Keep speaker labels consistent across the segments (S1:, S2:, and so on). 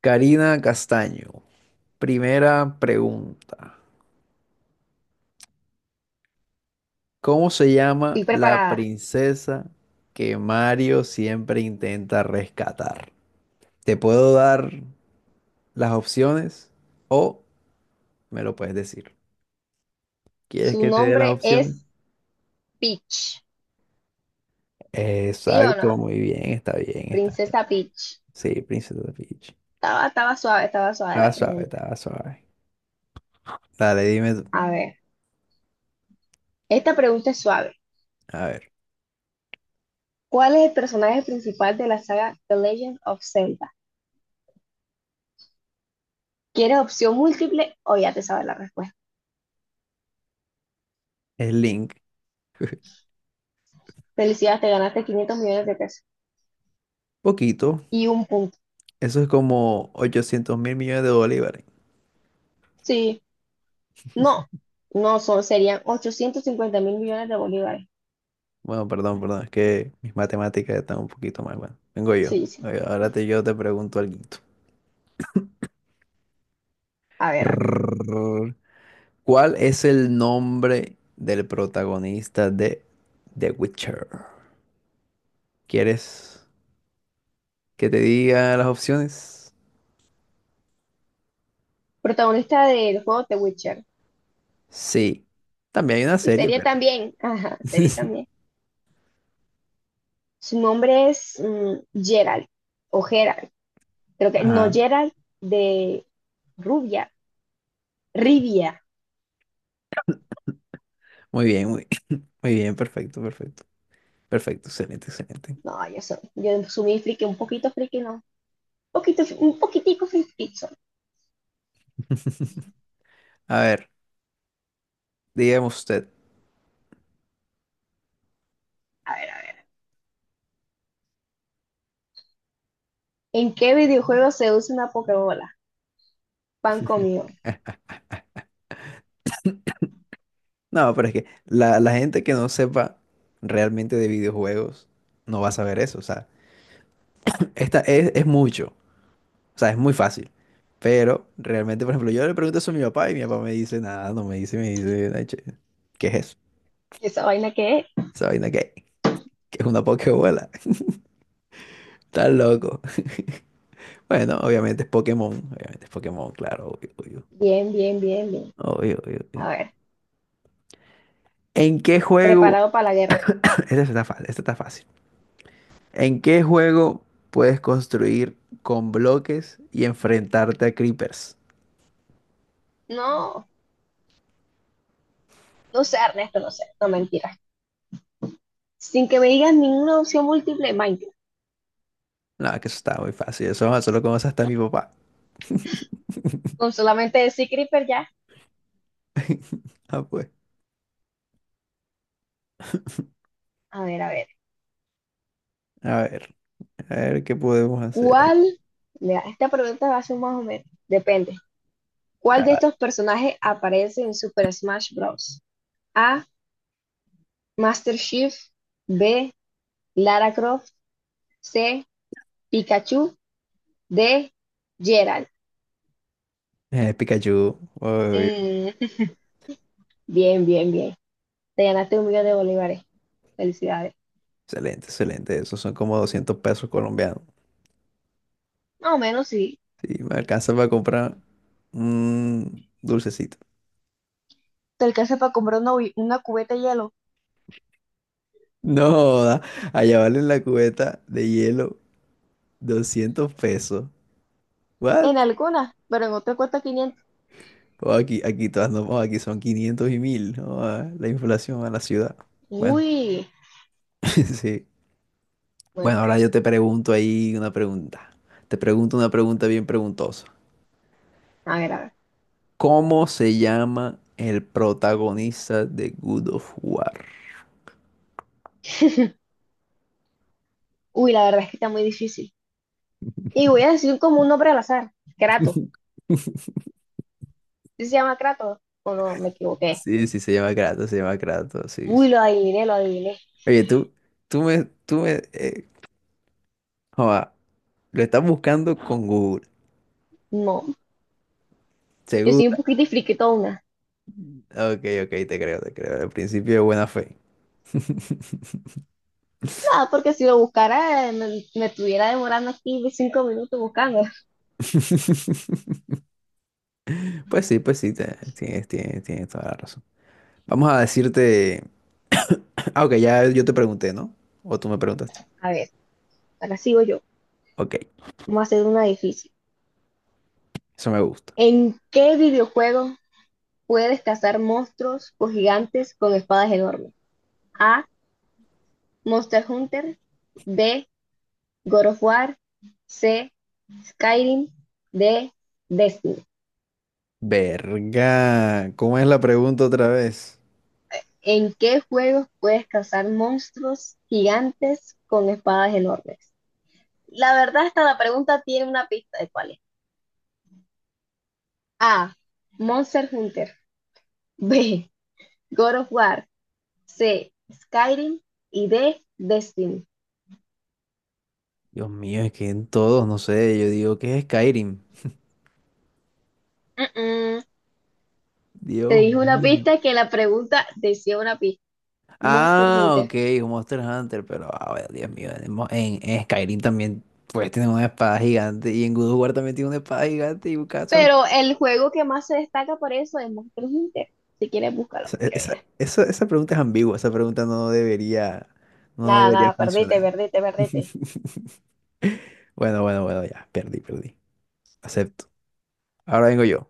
S1: Karina Castaño, primera pregunta. ¿Cómo se llama
S2: Estoy
S1: la
S2: preparada.
S1: princesa que Mario siempre intenta rescatar? ¿Te puedo dar las opciones o me lo puedes decir? ¿Quieres
S2: Su
S1: que te dé las
S2: nombre
S1: opciones?
S2: es Peach. ¿Sí o no?
S1: Exacto, muy bien, está bien, está bien.
S2: Princesa Peach.
S1: Sí, Princesa Peach.
S2: Estaba suave, estaba suave
S1: Estaba
S2: la
S1: suave,
S2: pregunta.
S1: estaba suave. Dale, dime tú.
S2: A ver, esta pregunta es suave.
S1: A ver,
S2: ¿Cuál es el personaje principal de la saga The Legend of Zelda? ¿Quieres opción múltiple o ya te sabes la respuesta?
S1: es Link.
S2: Felicidades, te ganaste 500 millones de pesos
S1: Poquito.
S2: y un punto.
S1: Eso es como 800 mil millones de bolívares.
S2: Sí, no, no son, serían 850 mil millones de bolívares.
S1: Bueno, perdón, perdón, es que mis matemáticas están un poquito mal. Bueno, vengo yo.
S2: Sí, sí.
S1: Oye, ahora yo te pregunto algo.
S2: A ver, a ver.
S1: Prrrr. ¿Cuál es el nombre del protagonista de The Witcher? ¿Quieres que te diga las opciones?
S2: Protagonista del juego The Witcher.
S1: Sí. También hay una
S2: Y
S1: serie,
S2: serie
S1: pero...
S2: también. Ajá, serie también. Su nombre es Gerald o Gerald, creo que no
S1: Ajá.
S2: Gerald de Rubia, Rivia.
S1: Muy bien, muy bien, perfecto, perfecto. Perfecto, excelente, excelente.
S2: No, yo soy muy friki, un poquito friki, no. Un poquitico friki soy.
S1: A ver, dígame usted.
S2: A ver, a ver. ¿En qué videojuego se usa una Pokébola? Pan comido.
S1: No, pero es que la gente que no sepa realmente de videojuegos no va a saber eso. O sea, esta es mucho. O sea, es muy fácil. Pero realmente, por ejemplo, yo le pregunto eso a mi papá y mi papá me dice nada, no me dice, me dice, "Ay, che, ¿qué es eso?
S2: ¿Esa vaina qué es?
S1: ¿Esa vaina qué? ¿Qué es una pokebola?" Está loco. Bueno, obviamente es Pokémon. Obviamente es Pokémon, claro, obvio, obvio.
S2: Bien, bien, bien, bien.
S1: Obvio, obvio,
S2: A
S1: obvio.
S2: ver,
S1: ¿En qué juego?
S2: preparado para la guerra.
S1: Esta está fácil, esta está fácil. ¿En qué juego puedes construir con bloques y enfrentarte a creepers?
S2: No, no sé, Ernesto, no sé, no mentiras. Sin que me digas ninguna opción múltiple, Minecraft.
S1: No, que eso está muy fácil. Eso solo conoce hasta mi papá.
S2: Con solamente decir Creeper ya.
S1: Ah, pues.
S2: A ver, a ver.
S1: A ver, a ver qué podemos hacer aquí.
S2: ¿Cuál? Mira, esta pregunta va a ser más o menos. Depende. ¿Cuál de
S1: Ah,
S2: estos personajes aparece en Super Smash Bros? A. Master Chief. B. Lara Croft. C. Pikachu. D. Geralt.
S1: Pikachu. Uy,
S2: Mm, Bien, bien, bien. Te ganaste un millón de bolívares. Felicidades.
S1: excelente, excelente. Esos son como 200 pesos colombianos.
S2: Más o menos sí.
S1: Sí, me alcanza para comprar un dulcecito.
S2: Te alcanza para comprar una cubeta de hielo.
S1: No, da, allá vale la cubeta de hielo 200 pesos. ¿What?
S2: En alguna, pero en otra cuesta 500.
S1: O aquí, aquí todas no, o aquí son 500 y mil, ¿no? Ah, la inflación a la ciudad. Bueno,
S2: Uy.
S1: sí.
S2: Bueno,
S1: Bueno, ahora
S2: pues.
S1: yo te pregunto ahí una pregunta. Te pregunto una pregunta bien preguntosa.
S2: A ver, a ver.
S1: ¿Cómo se llama el protagonista de Good of War?
S2: Uy, la verdad es que está muy difícil. Y voy a decir como un nombre al azar, Kratos. ¿Sí se llama Kratos? O no, me equivoqué.
S1: Sí, sí, se llama Kratos, sí, sí.
S2: Uy, lo adiviné, lo adiviné.
S1: Oye, tú me, tú me, eh, joda, lo estás buscando con Google,
S2: No, yo soy un
S1: ¿segura?
S2: poquito friquetona.
S1: Ok, ok, te creo, al principio de buena fe.
S2: Nada, porque si lo buscara, me estuviera demorando aquí 5 minutos buscando.
S1: Pues sí, tienes toda la razón. Vamos a decirte... Ah, ok, ya yo te pregunté, ¿no? O tú me preguntaste.
S2: A ver, ahora sigo yo.
S1: Ok,
S2: Vamos a hacer una difícil.
S1: eso me gusta.
S2: ¿En qué videojuego puedes cazar monstruos o gigantes con espadas enormes? A. Monster Hunter. B. God of War. C. Skyrim. D. Destiny.
S1: Verga, ¿cómo es la pregunta otra vez?
S2: ¿En qué juegos puedes cazar monstruos gigantes con espadas enormes? La verdad, hasta la pregunta tiene una pista de cuál es. A. Monster Hunter. B. God of War. C. Skyrim. Y D. Destiny.
S1: Dios mío, es que en todos, no sé, yo digo, ¿qué es Skyrim?
S2: Mm, mm. Te
S1: Dios
S2: dije una
S1: mío.
S2: pista que la pregunta decía una pista. Monster
S1: Ah, ok,
S2: Hunter.
S1: un Monster Hunter, pero, ah, bueno, Dios mío, en Skyrim también, pues, tiene una espada gigante, y en God of War también tiene una espada gigante y un caso.
S2: Pero el juego que más se destaca por eso es Monster Hunter. Si quieres, búscalo. Que veas.
S1: Esa pregunta es ambigua, esa pregunta no debería, no
S2: Nada,
S1: debería
S2: nada, perdete,
S1: funcionar.
S2: perdete, perdete.
S1: Bueno, bueno, bueno, ya, perdí, perdí. Acepto. Ahora vengo yo.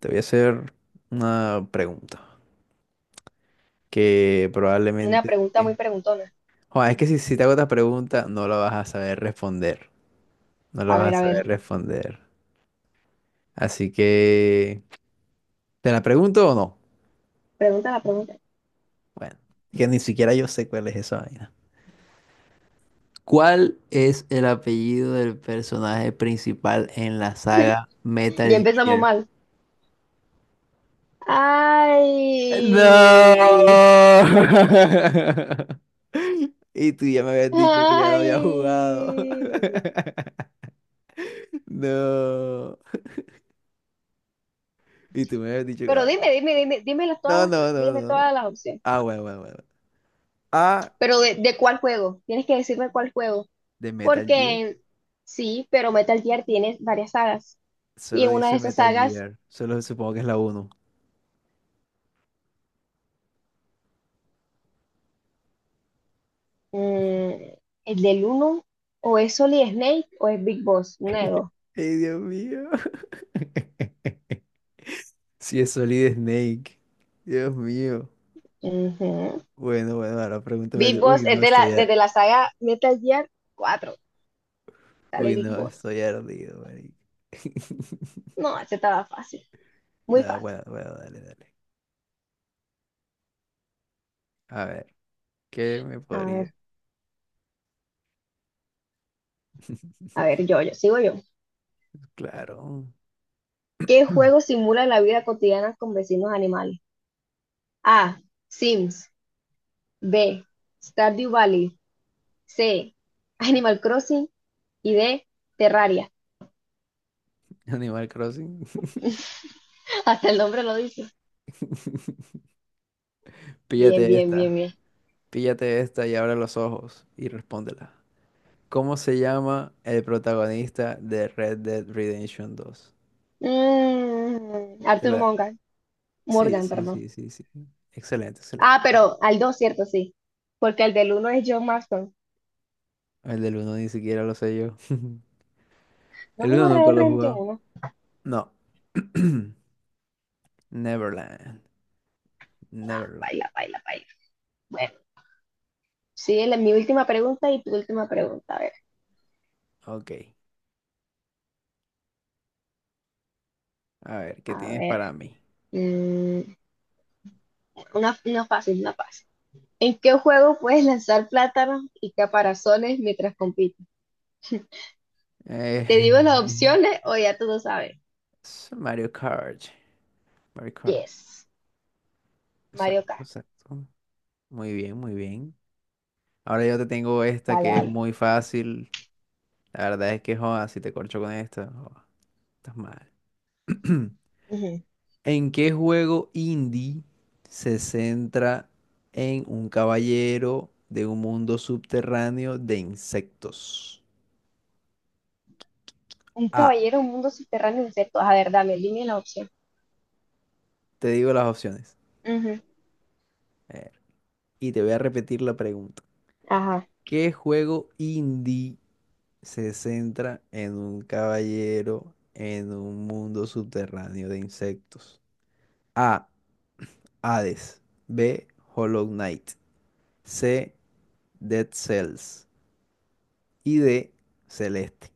S1: Te voy a hacer una pregunta que
S2: Una
S1: probablemente...
S2: pregunta muy preguntona.
S1: Joder, es que si te hago esta pregunta no la vas a saber responder. No la
S2: A
S1: vas
S2: ver,
S1: a
S2: a ver.
S1: saber responder. Así que... ¿Te la pregunto o no?
S2: Pregunta la pregunta.
S1: Bueno, que ni siquiera yo sé cuál es esa vaina. ¿Cuál es el apellido del personaje principal en la saga
S2: Ya
S1: Metal
S2: empezamos
S1: Gear?
S2: mal.
S1: No.
S2: Ay,
S1: Y tú ya me habías dicho que ya lo había
S2: ay.
S1: jugado. No. Y tú me habías dicho que...
S2: Pero dime, dime, dime, dime todas
S1: No,
S2: las, pre-
S1: no, no,
S2: dime
S1: no.
S2: todas las opciones.
S1: Ah, bueno, bueno, bueno. Ah,
S2: Pero de cuál juego. Tienes que decirme cuál juego.
S1: de Metal Gear.
S2: Porque sí, pero Metal Gear tiene varias sagas. Y
S1: Solo
S2: en una de
S1: dice
S2: esas
S1: Metal
S2: sagas,
S1: Gear. Solo supongo que es la uno.
S2: mm, el del uno o es Solid Snake o es Big Boss. Una de dos.
S1: Ay, Dios mío. Sí, es Solid Snake. Dios mío.
S2: Ujú.
S1: Bueno, bueno, ahora pregúntame tú.
S2: Big Boss
S1: Uy,
S2: es
S1: no,
S2: de
S1: estoy,
S2: la,
S1: ar-
S2: desde la saga Metal Gear 4. Sale
S1: Uy,
S2: Big
S1: no,
S2: Boss.
S1: estoy ardido, marico.
S2: No, ese estaba fácil, muy
S1: No,
S2: fácil.
S1: bueno, bueno, dale, dale. A ver, ¿qué me
S2: A
S1: podría?
S2: ver, a ver, sigo yo.
S1: Claro.
S2: ¿Qué juego simula la vida cotidiana con vecinos animales? A. Sims. B. Stardew Valley. C. Animal Crossing. Y D. Terraria.
S1: Animal Crossing.
S2: Hasta el nombre lo dice. Bien,
S1: Píllate
S2: bien, bien,
S1: esta.
S2: bien.
S1: Píllate esta y abre los ojos y respóndela. ¿Cómo se llama el protagonista de Red Dead Redemption dos? Te
S2: Arthur
S1: la-
S2: Morgan.
S1: Sí,
S2: Morgan,
S1: sí,
S2: perdón.
S1: sí, sí, sí. Excelente, excelente.
S2: Ah, pero al 2, cierto, sí. Porque el del uno es John Marston.
S1: El del uno ni siquiera lo sé yo. El
S2: Vamos
S1: uno
S2: a borrar
S1: nunca
S2: el
S1: lo he
S2: rente
S1: jugado.
S2: 1.
S1: No. Neverland.
S2: Ah,
S1: Neverland.
S2: baila, baila, baila. Bueno, sí, mi última pregunta y tu última pregunta. A ver,
S1: Ok. A ver, ¿qué
S2: a
S1: tienes
S2: ver.
S1: para mí?
S2: mm, una fácil, una fácil. ¿En qué juego puedes lanzar plátanos y caparazones mientras compites?
S1: Eh,
S2: ¿Te digo las opciones o ya tú lo sabes?
S1: es Mario Kart. Mario Kart.
S2: Yes. Mario
S1: Exacto,
S2: Kart.
S1: exacto. Muy bien, muy bien. Ahora yo te tengo esta
S2: Vale,
S1: que es
S2: vale.
S1: muy fácil. La verdad es que, joda, si te corcho con esta, joda, estás mal.
S2: Ujú.
S1: ¿En qué juego indie se centra en un caballero de un mundo subterráneo de insectos?
S2: Un
S1: A,
S2: caballero, un mundo subterráneo, insectos. A ver, dame, dime la opción.
S1: te digo las opciones.
S2: Ujú.
S1: A ver, y te voy a repetir la pregunta.
S2: Ajá.
S1: ¿Qué juego indie se centra en un caballero en un mundo subterráneo de insectos? A, Hades. B, Hollow Knight. C, Dead Cells. Y D, Celeste.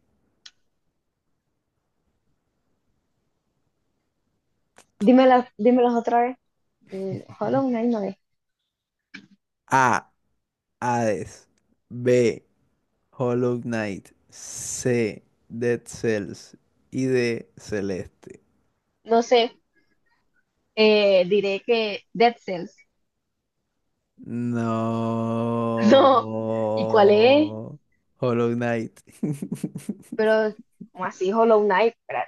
S2: Dímelas otra vez. Hollow Knight no es.
S1: A, Hades. B, Hollow Knight. C, Dead Cells. Y D, Celeste.
S2: No sé. Diré que Dead Cells. No. ¿Y cuál es?
S1: No. Hollow Knight.
S2: Pero, como así, Hollow Knight, espera.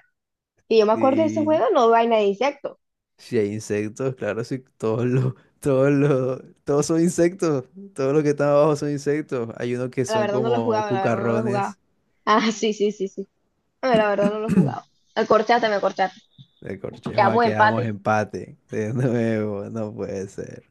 S2: Y yo me acuerdo de ese
S1: Sí.
S2: juego, no vaina de insectos.
S1: Si hay insectos, claro, sí. Todos son insectos. Todos los que están abajo son insectos. Hay unos que
S2: La
S1: son
S2: verdad no lo
S1: como
S2: jugaba, la verdad no lo
S1: cucarrones
S2: jugaba. Ah, sí, sí, sí, sí. No, la verdad no lo jugaba. Me corchaste, me corchaste.
S1: de corchejo. Ah,
S2: Quedamos
S1: quedamos
S2: empate.
S1: empate. De nuevo, no puede ser.